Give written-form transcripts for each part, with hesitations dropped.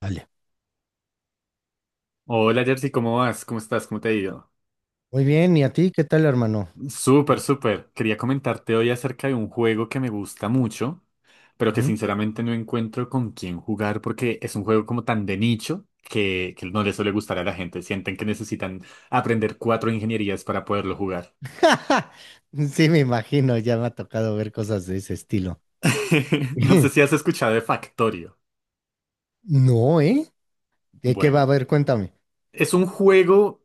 Vale. Hola Jersey, ¿cómo vas? ¿Cómo estás? ¿Cómo te ha ido? Muy bien, ¿y a ti qué tal, hermano? Súper, Eh, súper. Quería comentarte hoy acerca de un juego que me gusta mucho, pero que ujú. sinceramente no encuentro con quién jugar porque es un juego como tan de nicho que no le suele gustar a la gente. Sienten que necesitan aprender cuatro ingenierías para poderlo jugar. Sí, me imagino, ya me ha tocado ver cosas de ese estilo. No sé si has escuchado de Factorio. No, ¿eh? ¿De qué va a Bueno, ver? Cuéntame. es un juego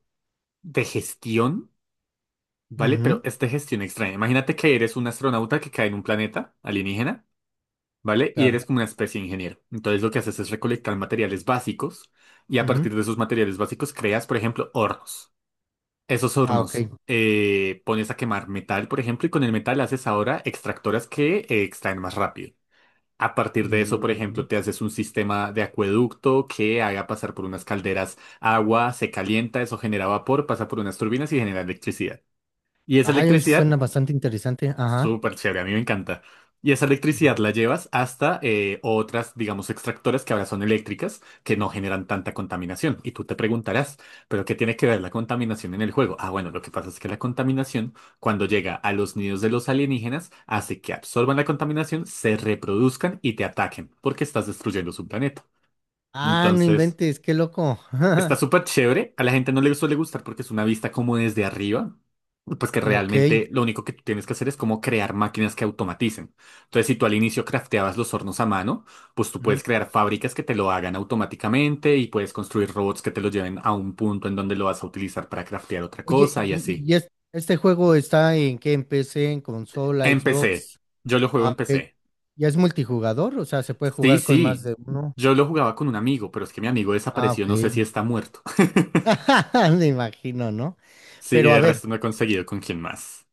de gestión, ¿vale? Ujú, Pero es de gestión extraña. Imagínate que eres un astronauta que cae en un planeta alienígena. ¿Vale? Y claro. eres como una especie de ingeniero. Entonces lo que haces es recolectar materiales básicos y a Ujú. partir de esos materiales básicos creas, por ejemplo, hornos. Esos Ah, hornos ok. Pones a quemar metal, por ejemplo, y con el metal haces ahora extractoras que extraen más rápido. A partir de eso, Mm, por ujú. ejemplo, te haces un sistema de acueducto que haga pasar por unas calderas agua, se calienta, eso genera vapor, pasa por unas turbinas y genera electricidad. Y esa Ay, electricidad suena bastante interesante. Ajá. súper chévere, a mí me encanta. Y esa electricidad Ujú. la llevas hasta otras, digamos, extractoras que ahora son eléctricas, que no generan tanta contaminación. Y tú te preguntarás, ¿pero qué tiene que ver la contaminación en el juego? Ah, bueno, lo que pasa es que la contaminación, cuando llega a los nidos de los alienígenas, hace que absorban la contaminación, se reproduzcan y te ataquen, porque estás destruyendo su planeta. Ah, no Entonces, inventes, qué loco. está súper chévere. A la gente no le suele gustar porque es una vista como desde arriba. Pues que Ok. realmente lo único que tú tienes que hacer es como crear máquinas que automaticen. Entonces, si tú al inicio crafteabas los hornos a mano, pues tú Ujú. puedes crear fábricas que te lo hagan automáticamente y puedes construir robots que te lo lleven a un punto en donde lo vas a utilizar para craftear otra Oye. cosa y así. y es- este juego está en qué? ¿En PC, en consola, En PC. Xbox? Yo lo juego Ah, en ok. PC. ¿Ya es multijugador? O sea, ¿se puede Sí, jugar con más sí. de uno? Yo lo jugaba con un amigo, pero es que mi amigo Ah, desapareció. ok. No sé si está muerto. Me imagino, ¿no? Sí, y Pero a de ver, resto no he conseguido con quién más.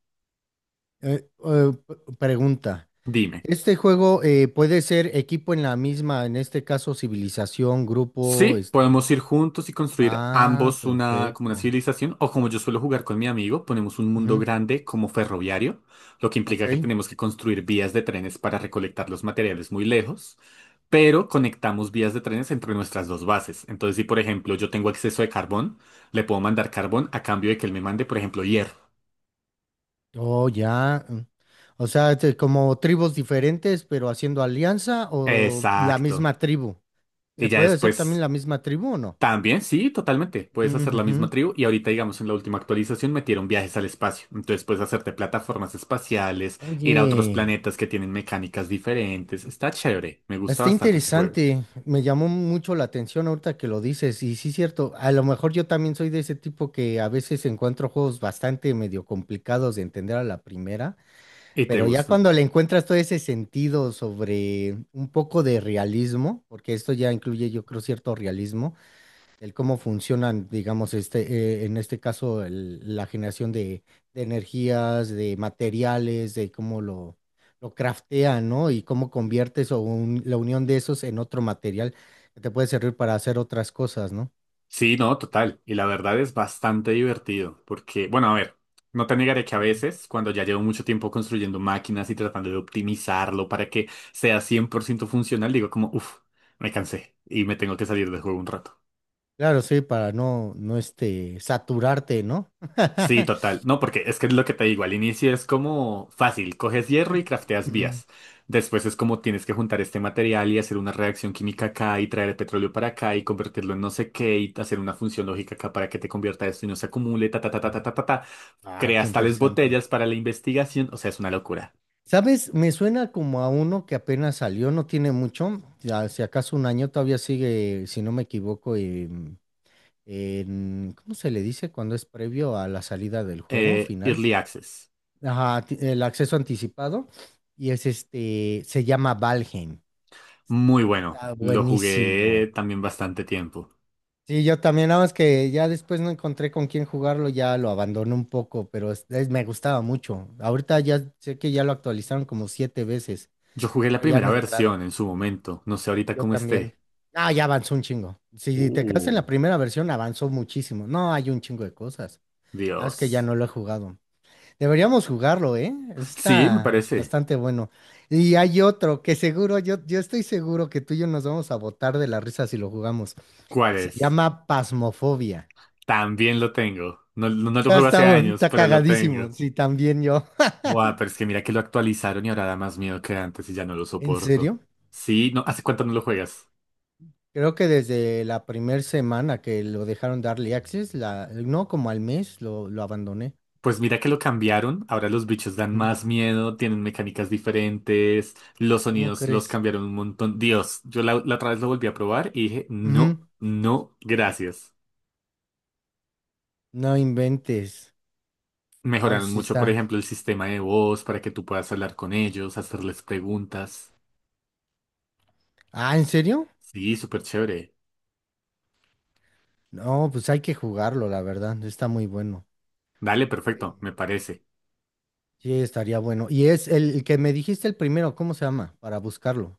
pregunta. Dime. ¿Este juego puede ser equipo en la misma, en este caso civilización, grupo, Sí, este? podemos ir juntos y construir Ah, ambos una, como una perfecto. civilización, o como yo suelo jugar con mi amigo, ponemos un mundo Ujú. grande como ferroviario, lo que Ok. implica que tenemos que construir vías de trenes para recolectar los materiales muy lejos, pero conectamos vías de trenes entre nuestras dos bases. Entonces, si por ejemplo yo tengo exceso de carbón, le puedo mandar carbón a cambio de que él me mande, por ejemplo, hierro. Oh, ya. Mm. O sea, este, como tribus diferentes, pero haciendo alianza o la Exacto. misma tribu. Y ¿Se ya puede hacer también después la misma tribu o no? también, sí, totalmente. Puedes hacer la misma Ujujú. tribu y ahorita, digamos, en la última actualización metieron viajes al espacio. Entonces puedes hacerte plataformas espaciales, ir a otros Oye. planetas que tienen mecánicas diferentes. Está chévere. Me gusta Está bastante ese juego. interesante, me llamó mucho la atención ahorita que lo dices, y sí es cierto, a lo mejor yo también soy de ese tipo que a veces encuentro juegos bastante medio complicados de entender a la primera, Y te pero ya gustan. cuando le encuentras todo ese sentido sobre un poco de realismo, porque esto ya incluye yo creo cierto realismo, el cómo funcionan, digamos, este, en este caso, la generación de energías, de materiales, de cómo lo craftean, ¿no? Y cómo conviertes o la unión de esos en otro material que te puede servir para hacer otras cosas, ¿no? Sí, no, total. Y la verdad es bastante divertido porque, bueno, a ver, no te negaré que a Ujú. veces, cuando ya llevo mucho tiempo construyendo máquinas y tratando de optimizarlo para que sea 100% funcional, digo como, uff, me cansé y me tengo que salir del juego un rato. Claro, sí, para no, no este, saturarte, ¿no? Sí, total. No, porque es que es lo que te digo, al inicio es como fácil, coges hierro Eh, y crafteas Mm. vías. Después es como tienes que juntar este material y hacer una reacción química acá y traer el petróleo para acá y convertirlo en no sé qué y hacer una función lógica acá para que te convierta esto y no se acumule, ta, ta, ta, ta, ta, ta, ta, ta. Ah, qué Creas tales interesante. botellas para la investigación, o sea, es una locura. ¿Sabes? Me suena como a uno que apenas salió, no tiene mucho, ya, si acaso un año todavía sigue, si no me equivoco, ¿cómo se le dice cuando es previo a la salida del juego final? Early Access, Ajá, el acceso anticipado y es este, se llama Valheim. muy bueno. Está Lo buenísimo. jugué también bastante tiempo. Sí, yo también, nada más que ya después no encontré con quién jugarlo, ya lo abandoné un poco, pero me gustaba mucho. Ahorita ya sé que ya lo actualizaron como siete veces, Yo jugué la pero ya primera no he entrado. versión en su momento, no sé ahorita Yo cómo también. esté. Ah, ya avanzó un chingo. Si te quedas en Uh, la primera versión, avanzó muchísimo. No, hay un chingo de cosas. Nada más que ya Dios. no lo he jugado. Deberíamos jugarlo, ¿eh? Sí, me Está parece. bastante bueno. Y hay otro que seguro, yo estoy seguro que tú y yo nos vamos a botar de la risa si lo jugamos. ¿Cuál Se es? llama Pasmofobia. También lo tengo. No, no, lo Ah, juego hace años, está pero lo tengo. cagadísimo, sí, también yo. Buah, pero es que mira que lo actualizaron y ahora da más miedo que antes y ya no lo ¿En soporto. serio? Sí, no, ¿hace cuánto no lo juegas? Creo que desde la primera semana que lo dejaron de Early Access, la, no como al mes, lo abandoné. Pues mira que lo cambiaron, ahora los bichos dan Ujú. más miedo, tienen mecánicas diferentes, los ¿Cómo sonidos los crees? cambiaron un montón. Dios, yo la otra vez lo volví a probar y dije, no, Ujú. no, gracias. No inventes. No, pues Mejoraron sí mucho, por está. ejemplo, el sistema de voz para que tú puedas hablar con ellos, hacerles preguntas. Ah, ¿en serio? Sí, súper chévere. No, pues hay que jugarlo, la verdad. Está muy bueno. Dale, perfecto, me parece. Sí, estaría bueno. Y es el que me dijiste el primero, ¿cómo se llama? Para buscarlo.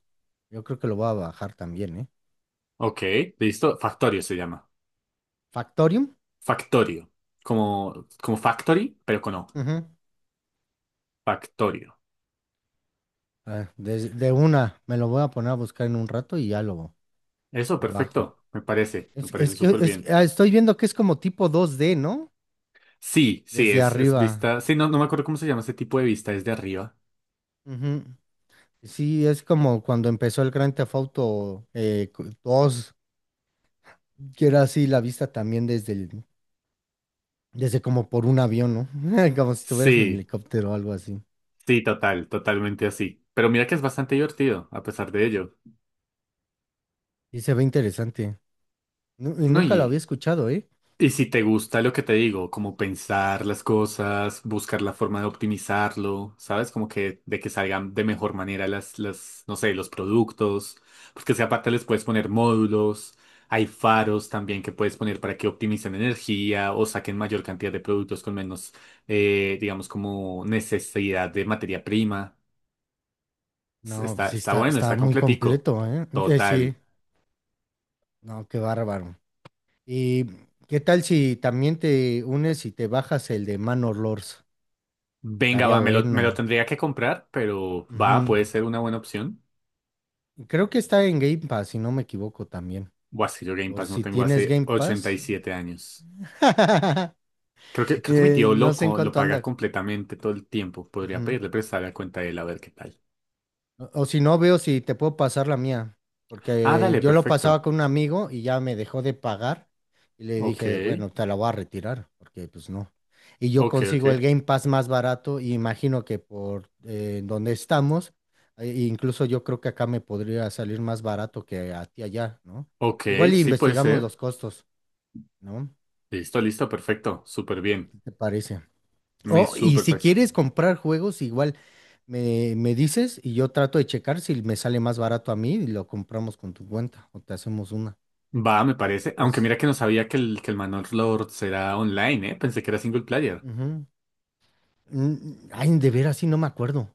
Yo creo que lo voy a bajar también, ¿eh? Ok, listo. Factorio se llama. Factorium. Factorio. Como, como factory, pero con O. Ujú. Factorio. Ah, de una, me lo voy a poner a buscar en un rato y ya Eso, lo bajo. perfecto. Me parece Es que súper es- bien. ah, Estoy viendo que es como tipo 2D, ¿no? Sí, sí, Desde es, es arriba. vista. Sí, no, no me acuerdo cómo se llama ese tipo de vista, es de arriba. Ujú. Sí, es como cuando empezó el Grand Theft Auto 2, que era así la vista también desde el, desde como por un avión, ¿no? Como si estuvieras en Sí, helicóptero o algo así. sí, total, totalmente así. Pero mira que es bastante divertido, a pesar de ello. Y se ve interesante. Y No, nunca lo había y escuchado, ¿eh? Y si te gusta lo que te digo, como pensar las cosas, buscar la forma de optimizarlo, ¿sabes? Como que de que salgan de mejor manera no sé, los productos, porque si aparte les puedes poner módulos, hay faros también que puedes poner para que optimicen energía o saquen mayor cantidad de productos con menos, digamos, como necesidad de materia prima. S- No, está, pues sí está está, bueno, está está muy completico. completo, ¿eh? Total. Sí, no, qué bárbaro. ¿Y qué tal si también te unes y te bajas el de Manor Lords? Venga, Estaría va, me lo bueno. tendría que comprar, pero va, Ujú. puede ser una buena opción. Creo que está en Game Pass, si no me equivoco también. Buah, es que yo Game Por Pass no si tengo tienes hace Game ochenta y Pass. siete años. Creo que mi tío No lo, sé en co- lo cuánto paga anda. completamente todo el tiempo. Podría Ujú. pedirle prestar la cuenta de él a ver qué tal. O si no, veo si te puedo pasar la mía, Ah, porque dale, yo lo perfecto. pasaba con un amigo y ya me dejó de pagar y le Ok, dije, bueno, te la voy a retirar, porque pues no. Y yo ok, consigo el ok. Game Pass más barato y imagino que por donde estamos, incluso yo creo que acá me podría salir más barato que a ti allá, ¿no? Ok, Igual y sí puede investigamos ser. los costos, ¿no? Listo, listo, perfecto. Súper bien. ¿Qué te parece? Me Oh, y súper si parece. quieres comprar juegos, igual me dices y yo trato de checar si me sale más barato a mí y lo compramos con tu cuenta o te hacemos una. Va, me ¿Lo parece. Aunque ves? mira que no sabía que el Manor Lord era online, ¿eh? Pensé que era single player. Ujú. Mm. Ay, de veras, sí, no me acuerdo.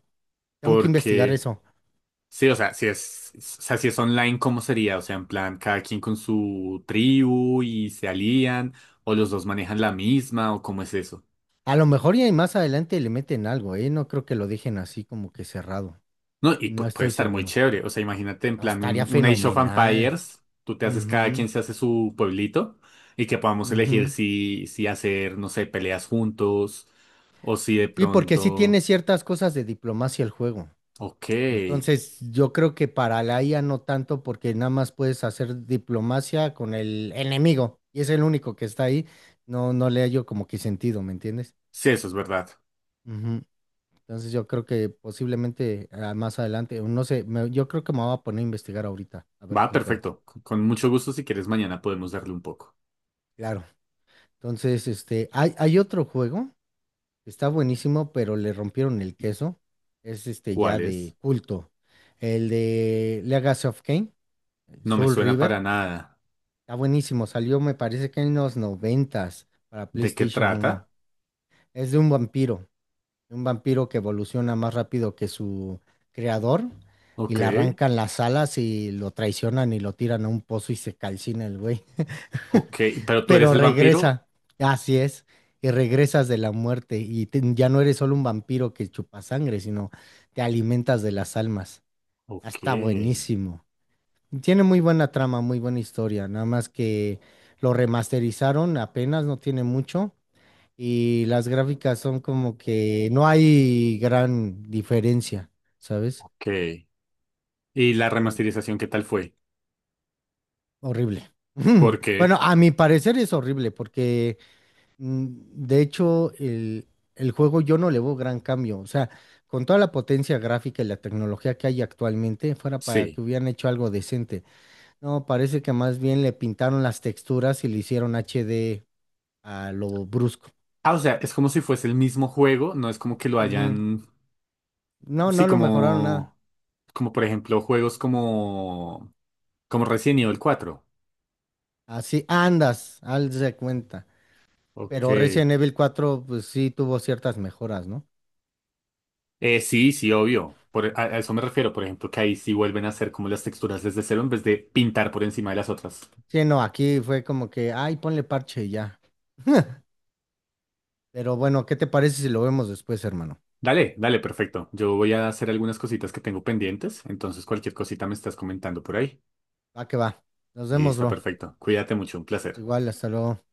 Tengo que investigar Porque... eso. Sí, o sea, si es online, ¿cómo sería? O sea, en plan, cada quien con su tribu y se alían, o los dos manejan la misma, o cómo es eso. A lo mejor y más adelante le meten algo, ¿eh? No creo que lo dejen así como que cerrado. No, y No pu- puede estoy estar muy seguro. chévere. O sea, imagínate en No, plan estaría un Age of fenomenal. Empires, tú te haces, cada Ujú, quien se hace su pueblito, y que podamos elegir ujú. si, si hacer, no sé, peleas juntos, o si de Sí, porque sí pronto. tiene ciertas cosas de diplomacia el juego. Ok. Sí, Entonces, yo creo que para la IA no tanto, porque nada más puedes hacer diplomacia con el enemigo y es el único que está ahí. No, no le hallo como que sentido, ¿me entiendes? eso es verdad. Ujú. Entonces, yo creo que posiblemente más adelante, o no sé, yo creo que me voy a poner a investigar ahorita, a ver Va, qué encuentro. perfecto. Con mucho gusto, si quieres, mañana podemos darle un poco. Claro. Entonces, este, hay otro juego que está buenísimo, pero le rompieron el queso. Es este ya ¿Cuál es? de culto. El de Legacy of Kain, No me Soul suena para River. nada. Está buenísimo, salió me parece que en los noventas para ¿De qué PlayStation 1. trata? Es de un vampiro que evoluciona más rápido que su creador y Ok, le arrancan las alas y lo traicionan y lo tiran a un pozo y se calcina el güey. ok. Pero tú eres Pero el vampiro. regresa, así es, y regresas de la muerte y ya no eres solo un vampiro que chupa sangre, sino te alimentas de las almas. Ah, Ok, está buenísimo. Tiene muy buena trama, muy buena historia, nada más que lo remasterizaron apenas, no tiene mucho, y las gráficas son como que no hay gran diferencia, ¿sabes? ok. ¿Y la Son remasterización qué tal fue? Horrible. ¿Por qué? Bueno, a mi parecer es horrible porque mm, de hecho el juego yo no le veo gran cambio, o sea, con toda la potencia gráfica y la tecnología que hay actualmente, fuera para Sí. que hubieran hecho algo decente. No, parece que más bien le pintaron las texturas y le hicieron HD a lo brusco. Ah, o sea, es como si fuese el mismo juego, no es como que lo Ujú. hayan. No, Sí, no lo mejoraron nada. como. Como por ejemplo, juegos como. Como Resident Evil 4, Así andas, haz de cuenta. ok. Pero Resident Evil 4 pues sí tuvo ciertas mejoras, ¿no? Sí, sí, obvio. Por, a eso me refiero, por ejemplo, que ahí sí vuelven a hacer como las texturas desde cero en vez de pintar por encima de las otras. Sí, no, aquí fue como que, ay, ponle parche y ya. Pero bueno, ¿qué te parece si lo vemos después, hermano? Dale, dale, perfecto. Yo voy a hacer algunas cositas que tengo pendientes, entonces cualquier cosita me estás comentando por ahí. Va que va. Nos vemos, Listo, bro. perfecto. Cuídate mucho, un placer. Igual, hasta luego.